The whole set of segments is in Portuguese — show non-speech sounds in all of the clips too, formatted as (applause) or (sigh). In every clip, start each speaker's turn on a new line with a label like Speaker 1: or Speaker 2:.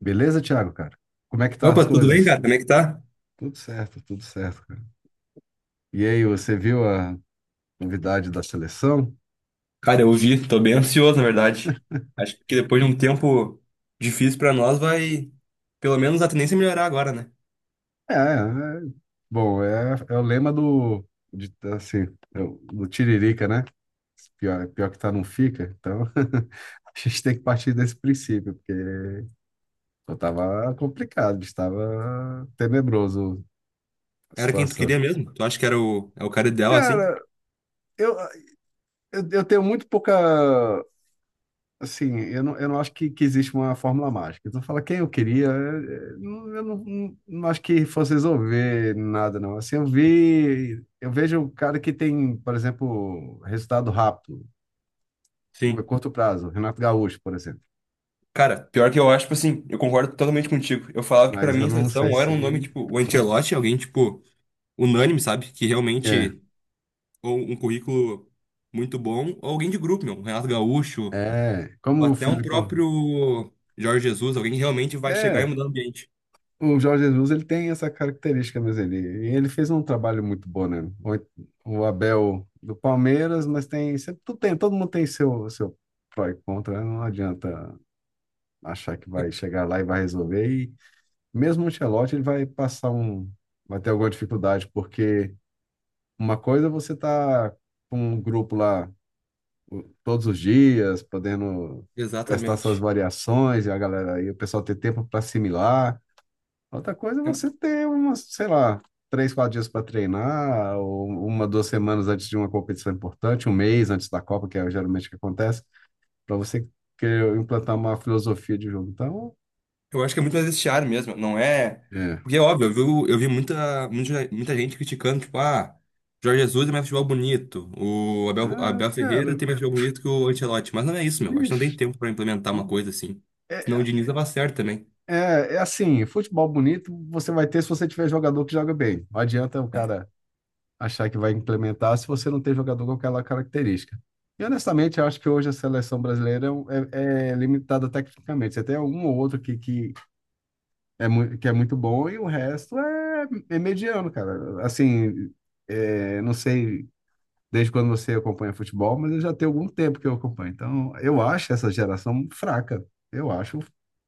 Speaker 1: Beleza, Thiago, cara? Como é que tá as
Speaker 2: Opa, tudo bem,
Speaker 1: coisas?
Speaker 2: cara? Como é que tá?
Speaker 1: Tudo certo, cara. E aí, você viu a novidade da seleção?
Speaker 2: Cara, eu vi, tô bem ansioso, na verdade. Acho que depois de um tempo difícil pra nós, vai pelo menos a tendência é melhorar agora, né?
Speaker 1: É, é, é. Bom, é o lema assim, do Tiririca, né? Pior, pior que tá, não fica. Então, (laughs) a gente tem que partir desse princípio, porque eu tava complicado, estava tenebroso a
Speaker 2: Era quem tu
Speaker 1: situação.
Speaker 2: queria mesmo? Tu acha que é o cara ideal assim?
Speaker 1: Cara, eu, eu tenho muito pouca. Assim, eu não acho que existe uma fórmula mágica. Então, fala quem eu queria, eu não acho que fosse resolver nada, não. Assim, eu vejo o cara que tem, por exemplo, resultado rápido,
Speaker 2: Sim.
Speaker 1: curto prazo, Renato Gaúcho, por exemplo.
Speaker 2: Cara, pior que eu acho, tipo assim, eu concordo totalmente contigo. Eu falava que pra
Speaker 1: Mas eu
Speaker 2: mim a
Speaker 1: não
Speaker 2: seleção
Speaker 1: sei
Speaker 2: ou era
Speaker 1: se.
Speaker 2: um nome tipo o Ancelotti, alguém tipo unânime, sabe? Que
Speaker 1: É,
Speaker 2: realmente ou um currículo muito bom, ou alguém de grupo, meu, um Renato Gaúcho,
Speaker 1: é.
Speaker 2: ou
Speaker 1: Como o
Speaker 2: até um
Speaker 1: Filipão.
Speaker 2: próprio Jorge Jesus, alguém que realmente vai chegar e
Speaker 1: É.
Speaker 2: mudar o ambiente.
Speaker 1: O Jorge Jesus, ele tem essa característica, mas e ele fez um trabalho muito bom, né? O Abel do Palmeiras, mas tem, sempre, todo mundo tem seu pró e contra, né? Não adianta achar que vai chegar lá e vai resolver. E mesmo o Ancelotti, ele vai vai ter alguma dificuldade, porque uma coisa é você tá com um grupo lá todos os dias, podendo testar essas
Speaker 2: Exatamente.
Speaker 1: variações, e o pessoal ter tempo para assimilar. Outra coisa é você ter umas, sei lá, três, quatro dias para treinar, ou uma, duas semanas antes de uma competição importante, um mês antes da Copa, que é geralmente o que acontece, para você querer implantar uma filosofia de jogo. Então,
Speaker 2: Eu acho que é muito mais esse ar mesmo, não é?
Speaker 1: é.
Speaker 2: Porque é óbvio, eu vi muita, muita, muita gente criticando, tipo, ah, Jorge Jesus é mais futebol bonito, o
Speaker 1: Ah,
Speaker 2: Abel Ferreira
Speaker 1: cara,
Speaker 2: tem mais futebol bonito que o Ancelotti. Mas não é isso, meu. Acho que não tem
Speaker 1: bicho,
Speaker 2: tempo pra implementar uma coisa assim. Senão o
Speaker 1: é,
Speaker 2: Diniz dava certo também.
Speaker 1: é assim, futebol bonito você vai ter se você tiver jogador que joga bem. Não adianta o
Speaker 2: É,
Speaker 1: cara achar que vai implementar se você não tem jogador com aquela característica. E honestamente, eu acho que hoje a seleção brasileira é, um, é limitada tecnicamente. Você tem um ou outro que, que é muito bom e o resto é mediano, cara. Assim, não sei desde quando você acompanha futebol, mas eu já tenho algum tempo que eu acompanho. Então, eu acho essa geração fraca. Eu acho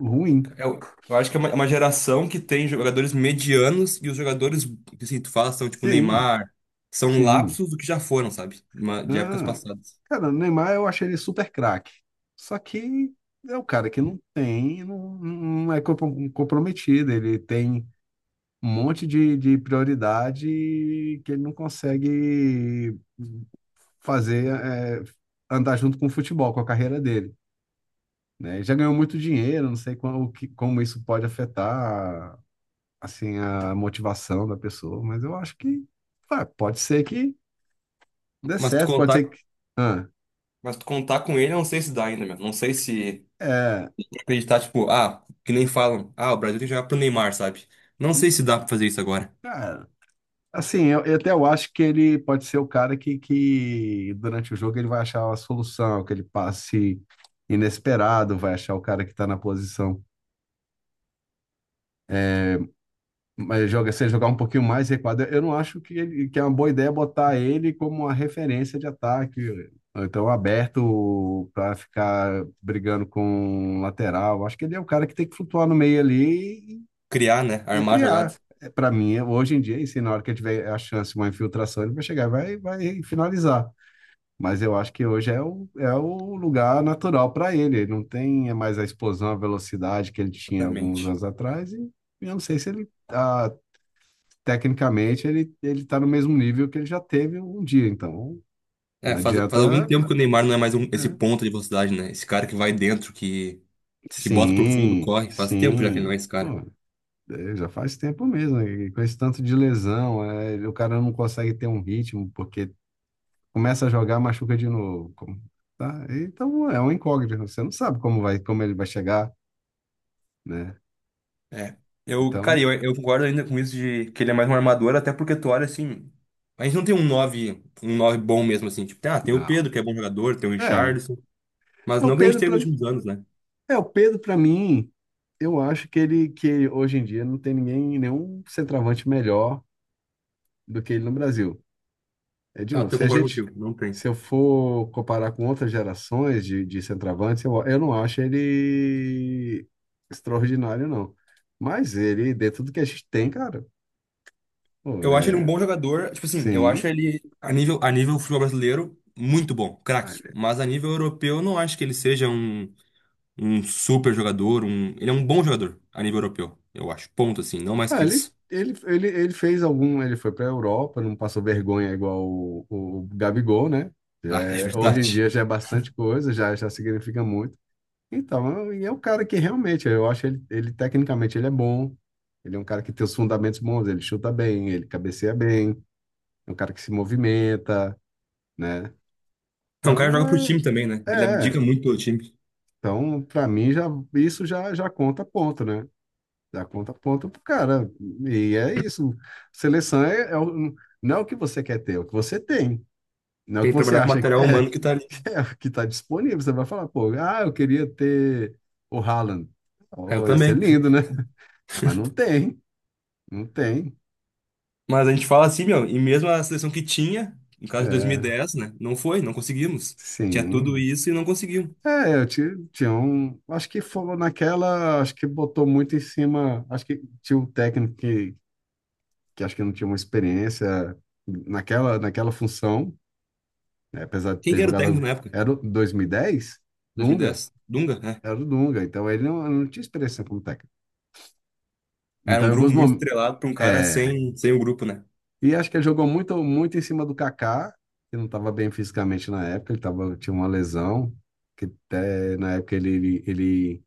Speaker 1: ruim.
Speaker 2: eu, eu acho que é é uma geração que tem jogadores medianos e os jogadores que assim, tu fala são tipo
Speaker 1: Sim,
Speaker 2: Neymar, são
Speaker 1: sim.
Speaker 2: lapsos do que já foram, sabe? De épocas
Speaker 1: Ah,
Speaker 2: passadas.
Speaker 1: cara, o Neymar eu achei ele super craque. Só que é o cara que não tem, não, não é comprometido. Ele tem um monte de prioridade que ele não consegue fazer, andar junto com o futebol, com a carreira dele, né? Já ganhou muito dinheiro, não sei como, como isso pode afetar, assim, a motivação da pessoa, mas eu acho que pode ser que dê
Speaker 2: Mas tu
Speaker 1: certo, pode
Speaker 2: contar
Speaker 1: ser que... Ah,
Speaker 2: Mas tu contar com ele, eu não sei se dá ainda, meu. Não sei se
Speaker 1: é,
Speaker 2: acreditar, tipo, ah, que nem falam, ah, o Brasil tem que jogar pro Neymar, sabe? Não sei se dá pra fazer isso agora.
Speaker 1: cara. Assim, eu acho que ele pode ser o cara que durante o jogo ele vai achar a solução, que ele passe inesperado, vai achar o cara que está na posição. Mas joga, se ele jogar um pouquinho mais recuado, eu não acho que, ele, que é uma boa ideia botar ele como uma referência de ataque, ou então aberto para ficar brigando com o lateral. Acho que ele é o cara que tem que flutuar no meio ali
Speaker 2: Criar, né?
Speaker 1: e
Speaker 2: Armar a jogada.
Speaker 1: criar. Para mim, hoje em dia, e se na hora que ele tiver a chance, uma infiltração, ele vai chegar e vai finalizar. Mas eu acho que hoje é o, é o lugar natural para ele. Ele não tem mais a explosão, a velocidade que ele tinha alguns
Speaker 2: Exatamente.
Speaker 1: anos atrás. E eu não sei se ele, ah, tecnicamente, ele está no mesmo nível que ele já teve um dia. Então,
Speaker 2: É,
Speaker 1: não
Speaker 2: faz algum
Speaker 1: adianta,
Speaker 2: tempo que o Neymar não é mais esse
Speaker 1: né?
Speaker 2: ponta de velocidade, né? Esse cara que vai dentro, que bota pro fundo,
Speaker 1: Sim,
Speaker 2: corre. Faz tempo já que ele não é
Speaker 1: sim.
Speaker 2: esse
Speaker 1: Pô,
Speaker 2: cara.
Speaker 1: já faz tempo mesmo, né? E com esse tanto de lesão, o cara não consegue ter um ritmo, porque começa a jogar, machuca de novo. Tá? Então, é um incógnito. Você não sabe como ele vai chegar, né?
Speaker 2: É. Eu, cara,
Speaker 1: Então,
Speaker 2: eu concordo ainda com isso de que ele é mais um armador, até porque tu olha assim. A gente não tem um 9 bom mesmo, assim. Tipo, ah, tem o
Speaker 1: não.
Speaker 2: Pedro, que é bom jogador, tem o
Speaker 1: É,
Speaker 2: Richarlison. Mas
Speaker 1: o
Speaker 2: não que a gente
Speaker 1: Pedro
Speaker 2: teve
Speaker 1: para
Speaker 2: nos últimos anos, né?
Speaker 1: é o Pedro para mim, eu acho que ele que hoje em dia não tem ninguém nenhum centroavante melhor do que ele no Brasil. É de
Speaker 2: Ah,
Speaker 1: novo,
Speaker 2: eu
Speaker 1: se a
Speaker 2: concordo
Speaker 1: gente
Speaker 2: contigo, não tem.
Speaker 1: se eu for comparar com outras gerações de centroavantes, eu não acho ele extraordinário, não. Mas ele dentro do que a gente tem, cara, pô,
Speaker 2: Eu acho ele um
Speaker 1: é,
Speaker 2: bom jogador, tipo assim, eu acho
Speaker 1: sim.
Speaker 2: ele a nível futebol brasileiro muito bom, craque. Mas a nível europeu, eu não acho que ele seja um super jogador, ele é um bom jogador a nível europeu, eu acho. Ponto assim, não mais
Speaker 1: Ah,
Speaker 2: que
Speaker 1: ele,
Speaker 2: isso. (laughs)
Speaker 1: ele, ele, ele fez algum. Ele foi para a Europa, não passou vergonha igual o Gabigol, né?
Speaker 2: Ah, é
Speaker 1: Hoje em
Speaker 2: verdade.
Speaker 1: dia já é bastante coisa, já significa muito. Então, e é um cara que realmente, ele tecnicamente ele é bom. Ele é um cara que tem os fundamentos bons, ele chuta bem, ele cabeceia bem, é um cara que se movimenta, né?
Speaker 2: É um cara que
Speaker 1: Então,
Speaker 2: joga pro time também, né? Ele
Speaker 1: é,
Speaker 2: abdica muito pelo time.
Speaker 1: então para mim já isso já conta ponto, né? Da conta ponta pro cara. E é isso. Seleção não é o que você quer ter, é o que você tem. Não é o
Speaker 2: Tem
Speaker 1: que
Speaker 2: que
Speaker 1: você
Speaker 2: trabalhar com o
Speaker 1: acha que
Speaker 2: material
Speaker 1: é,
Speaker 2: humano que tá ali.
Speaker 1: (laughs) é o que está disponível. Você vai falar, pô, ah, eu queria ter o Haaland.
Speaker 2: Ah, eu
Speaker 1: Oh, ia ser
Speaker 2: também.
Speaker 1: lindo, né? Mas não tem, não tem.
Speaker 2: Mas a gente fala assim, meu, e mesmo a seleção que tinha, no caso de dois mil e
Speaker 1: É,
Speaker 2: dez, né? Não foi, não conseguimos. Tinha tudo
Speaker 1: sim.
Speaker 2: isso e não conseguiu.
Speaker 1: É, eu tinha um. Acho que foi naquela. Acho que botou muito em cima. Acho que tinha um técnico que acho que não tinha uma experiência naquela função, né? Apesar de
Speaker 2: Quem
Speaker 1: ter
Speaker 2: que era o técnico
Speaker 1: jogado,
Speaker 2: na época?
Speaker 1: era o 2010. Dunga,
Speaker 2: 2010. Dunga, né?
Speaker 1: era o Dunga, então ele não tinha experiência como técnico.
Speaker 2: Era
Speaker 1: Então,
Speaker 2: um
Speaker 1: em
Speaker 2: grupo
Speaker 1: alguns
Speaker 2: muito
Speaker 1: momentos,
Speaker 2: estrelado pra um cara
Speaker 1: é,
Speaker 2: sem o grupo, né?
Speaker 1: e acho que ele jogou muito, muito em cima do Kaká, que não estava bem fisicamente na época, ele tava, tinha uma lesão, que até na época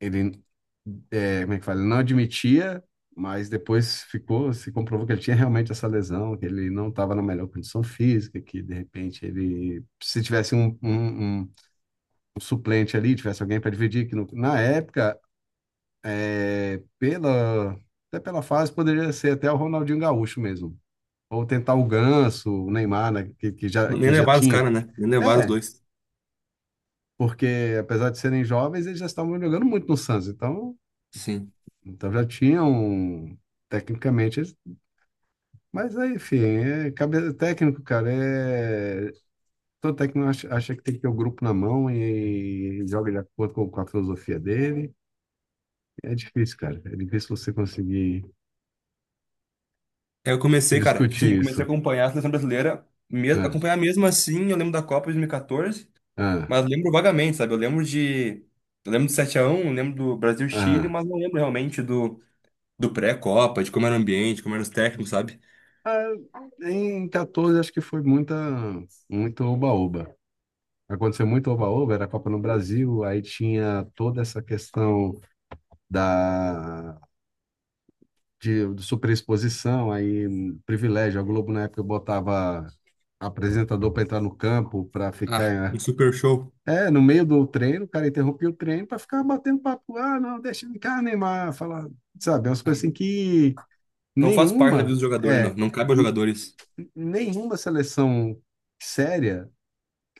Speaker 1: ele, como é que fala? Ele não admitia, mas depois ficou, se comprovou que ele tinha realmente essa lesão, que ele não estava na melhor condição física, que de repente ele, se tivesse um suplente ali, tivesse alguém para dividir, que na época, é, pela, até pela fase, poderia ser até o Ronaldinho Gaúcho mesmo. Ou tentar o Ganso, o Neymar, né,
Speaker 2: Nem
Speaker 1: que já
Speaker 2: levaram os
Speaker 1: tinha.
Speaker 2: caras, né? Nem levaram os
Speaker 1: É,
Speaker 2: dois.
Speaker 1: porque apesar de serem jovens, eles já estavam jogando muito no Santos, então,
Speaker 2: Sim.
Speaker 1: já tinham, tecnicamente, eles- mas aí, enfim, técnico, cara, é... Todo técnico acha que tem que ter o grupo na mão e joga de acordo com a filosofia dele. É difícil, cara. É difícil você conseguir
Speaker 2: Aí eu comecei, cara, tipo assim, eu
Speaker 1: discutir
Speaker 2: comecei a
Speaker 1: isso.
Speaker 2: acompanhar a seleção brasileira, mesmo,
Speaker 1: Ah,
Speaker 2: acompanhar mesmo assim, eu lembro da Copa de 2014,
Speaker 1: ah,
Speaker 2: mas lembro vagamente, sabe? Eu lembro de. Eu lembro do 7x1, eu lembro do Brasil-Chile,
Speaker 1: ah.
Speaker 2: mas não lembro realmente do pré-Copa, de como era o ambiente, como eram os técnicos, sabe?
Speaker 1: Ah, em 14, acho que foi muito oba-oba. Aconteceu muito oba-oba, era a Copa no Brasil, aí tinha toda essa questão da de superexposição, aí privilégio. A Globo, na época, botava apresentador para entrar no campo, para
Speaker 2: Ah, um
Speaker 1: ficar.
Speaker 2: super show.
Speaker 1: É, no meio do treino, o cara interrompia o treino para ficar batendo papo. Ah, não, deixa de cá, Neymar. Falar, sabe, umas
Speaker 2: Ah,
Speaker 1: coisas assim que
Speaker 2: não faz parte da
Speaker 1: nenhuma,
Speaker 2: vida do jogador, né, meu?
Speaker 1: é,
Speaker 2: Não cabe aos
Speaker 1: n-
Speaker 2: jogadores.
Speaker 1: n- nenhuma seleção séria,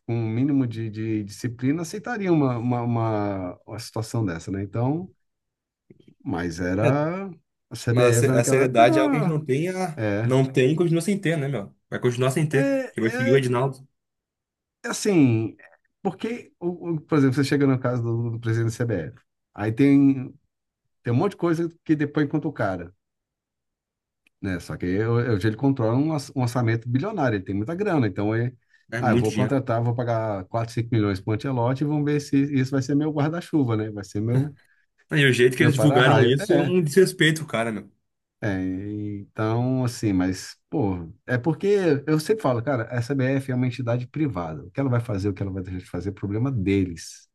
Speaker 1: com um mínimo de disciplina, aceitaria uma situação dessa, né? Então, mas era, a
Speaker 2: Mas a
Speaker 1: CBF
Speaker 2: se- a
Speaker 1: naquela época
Speaker 2: seriedade é algo que a gente
Speaker 1: era,
Speaker 2: não tem,
Speaker 1: é,
Speaker 2: não tem e continua sem ter, né, meu? Vai continuar sem
Speaker 1: é,
Speaker 2: ter. Porque vai seguir o
Speaker 1: é
Speaker 2: Edinaldo.
Speaker 1: assim, porque, por exemplo, você chega no caso do presidente da CBF, aí tem tem um monte de coisa que depois conta o cara, né? Só que hoje ele controla um, um orçamento bilionário, ele tem muita grana, então ele,
Speaker 2: É
Speaker 1: ah, eu
Speaker 2: muito
Speaker 1: vou
Speaker 2: dinheiro.
Speaker 1: contratar, vou pagar 4 5 milhões para o Ancelotti e vamos ver se isso vai ser meu guarda-chuva, né? Vai ser meu,
Speaker 2: E o jeito que
Speaker 1: meu
Speaker 2: eles divulgaram
Speaker 1: para-raio.
Speaker 2: isso é um desrespeito, cara, meu.
Speaker 1: É, então, assim, mas, pô, é porque eu sempre falo, cara, a CBF é uma entidade privada, o que ela vai fazer, o que ela vai deixar de fazer é problema deles,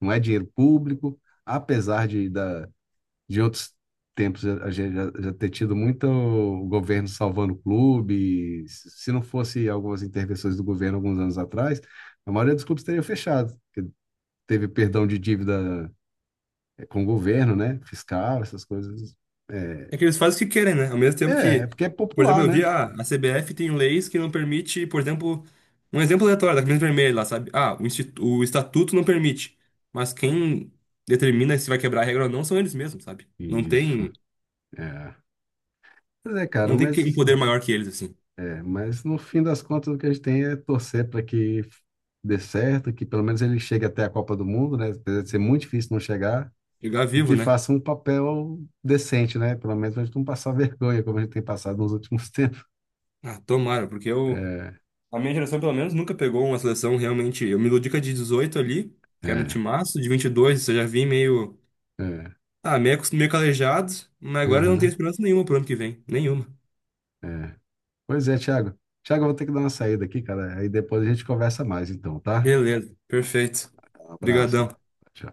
Speaker 1: não é dinheiro público, apesar de, da, de outros tempos a gente já ter tido muito governo salvando clubes. Se não fosse algumas intervenções do governo alguns anos atrás, a maioria dos clubes teria fechado, porque teve perdão de dívida, eh, com o governo, né? Fiscal, essas coisas. É,
Speaker 2: É que eles fazem o que querem, né? Ao mesmo
Speaker 1: é,
Speaker 2: tempo
Speaker 1: é,
Speaker 2: que,
Speaker 1: porque é
Speaker 2: por exemplo,
Speaker 1: popular,
Speaker 2: eu
Speaker 1: né?
Speaker 2: vi, ah, a CBF tem leis que não permite, por exemplo, um exemplo aleatório da camisa vermelha lá, sabe? Ah, o estatuto não permite. Mas quem determina se vai quebrar a regra ou não são eles mesmos, sabe?
Speaker 1: Isso, é. Pois é, cara,
Speaker 2: Não tem um
Speaker 1: mas,
Speaker 2: poder maior que eles, assim.
Speaker 1: é, mas no fim das contas o que a gente tem é torcer para que dê certo, que pelo menos ele chegue até a Copa do Mundo, né? Apesar de ser muito difícil não chegar,
Speaker 2: Jogar
Speaker 1: e
Speaker 2: vivo,
Speaker 1: que
Speaker 2: né?
Speaker 1: faça um papel decente, né? Pelo menos a gente não passar vergonha, como a gente tem passado nos últimos (laughs) tempos.
Speaker 2: Ah, tomara. Porque eu
Speaker 1: É,
Speaker 2: A minha geração, pelo menos, nunca pegou uma seleção realmente. Eu me iludi com a de 18 ali, que era um
Speaker 1: é,
Speaker 2: timaço, de 22, eu já vim meio.
Speaker 1: é,
Speaker 2: Ah, meio calejado, mas agora eu não tenho
Speaker 1: aham,
Speaker 2: esperança nenhuma pro ano que vem. Nenhuma.
Speaker 1: é. Pois é, Thiago. Thiago, eu vou ter que dar uma saída aqui, cara. Aí depois a gente conversa mais, então, tá?
Speaker 2: Beleza, perfeito.
Speaker 1: Um abraço.
Speaker 2: Obrigadão.
Speaker 1: Tchau.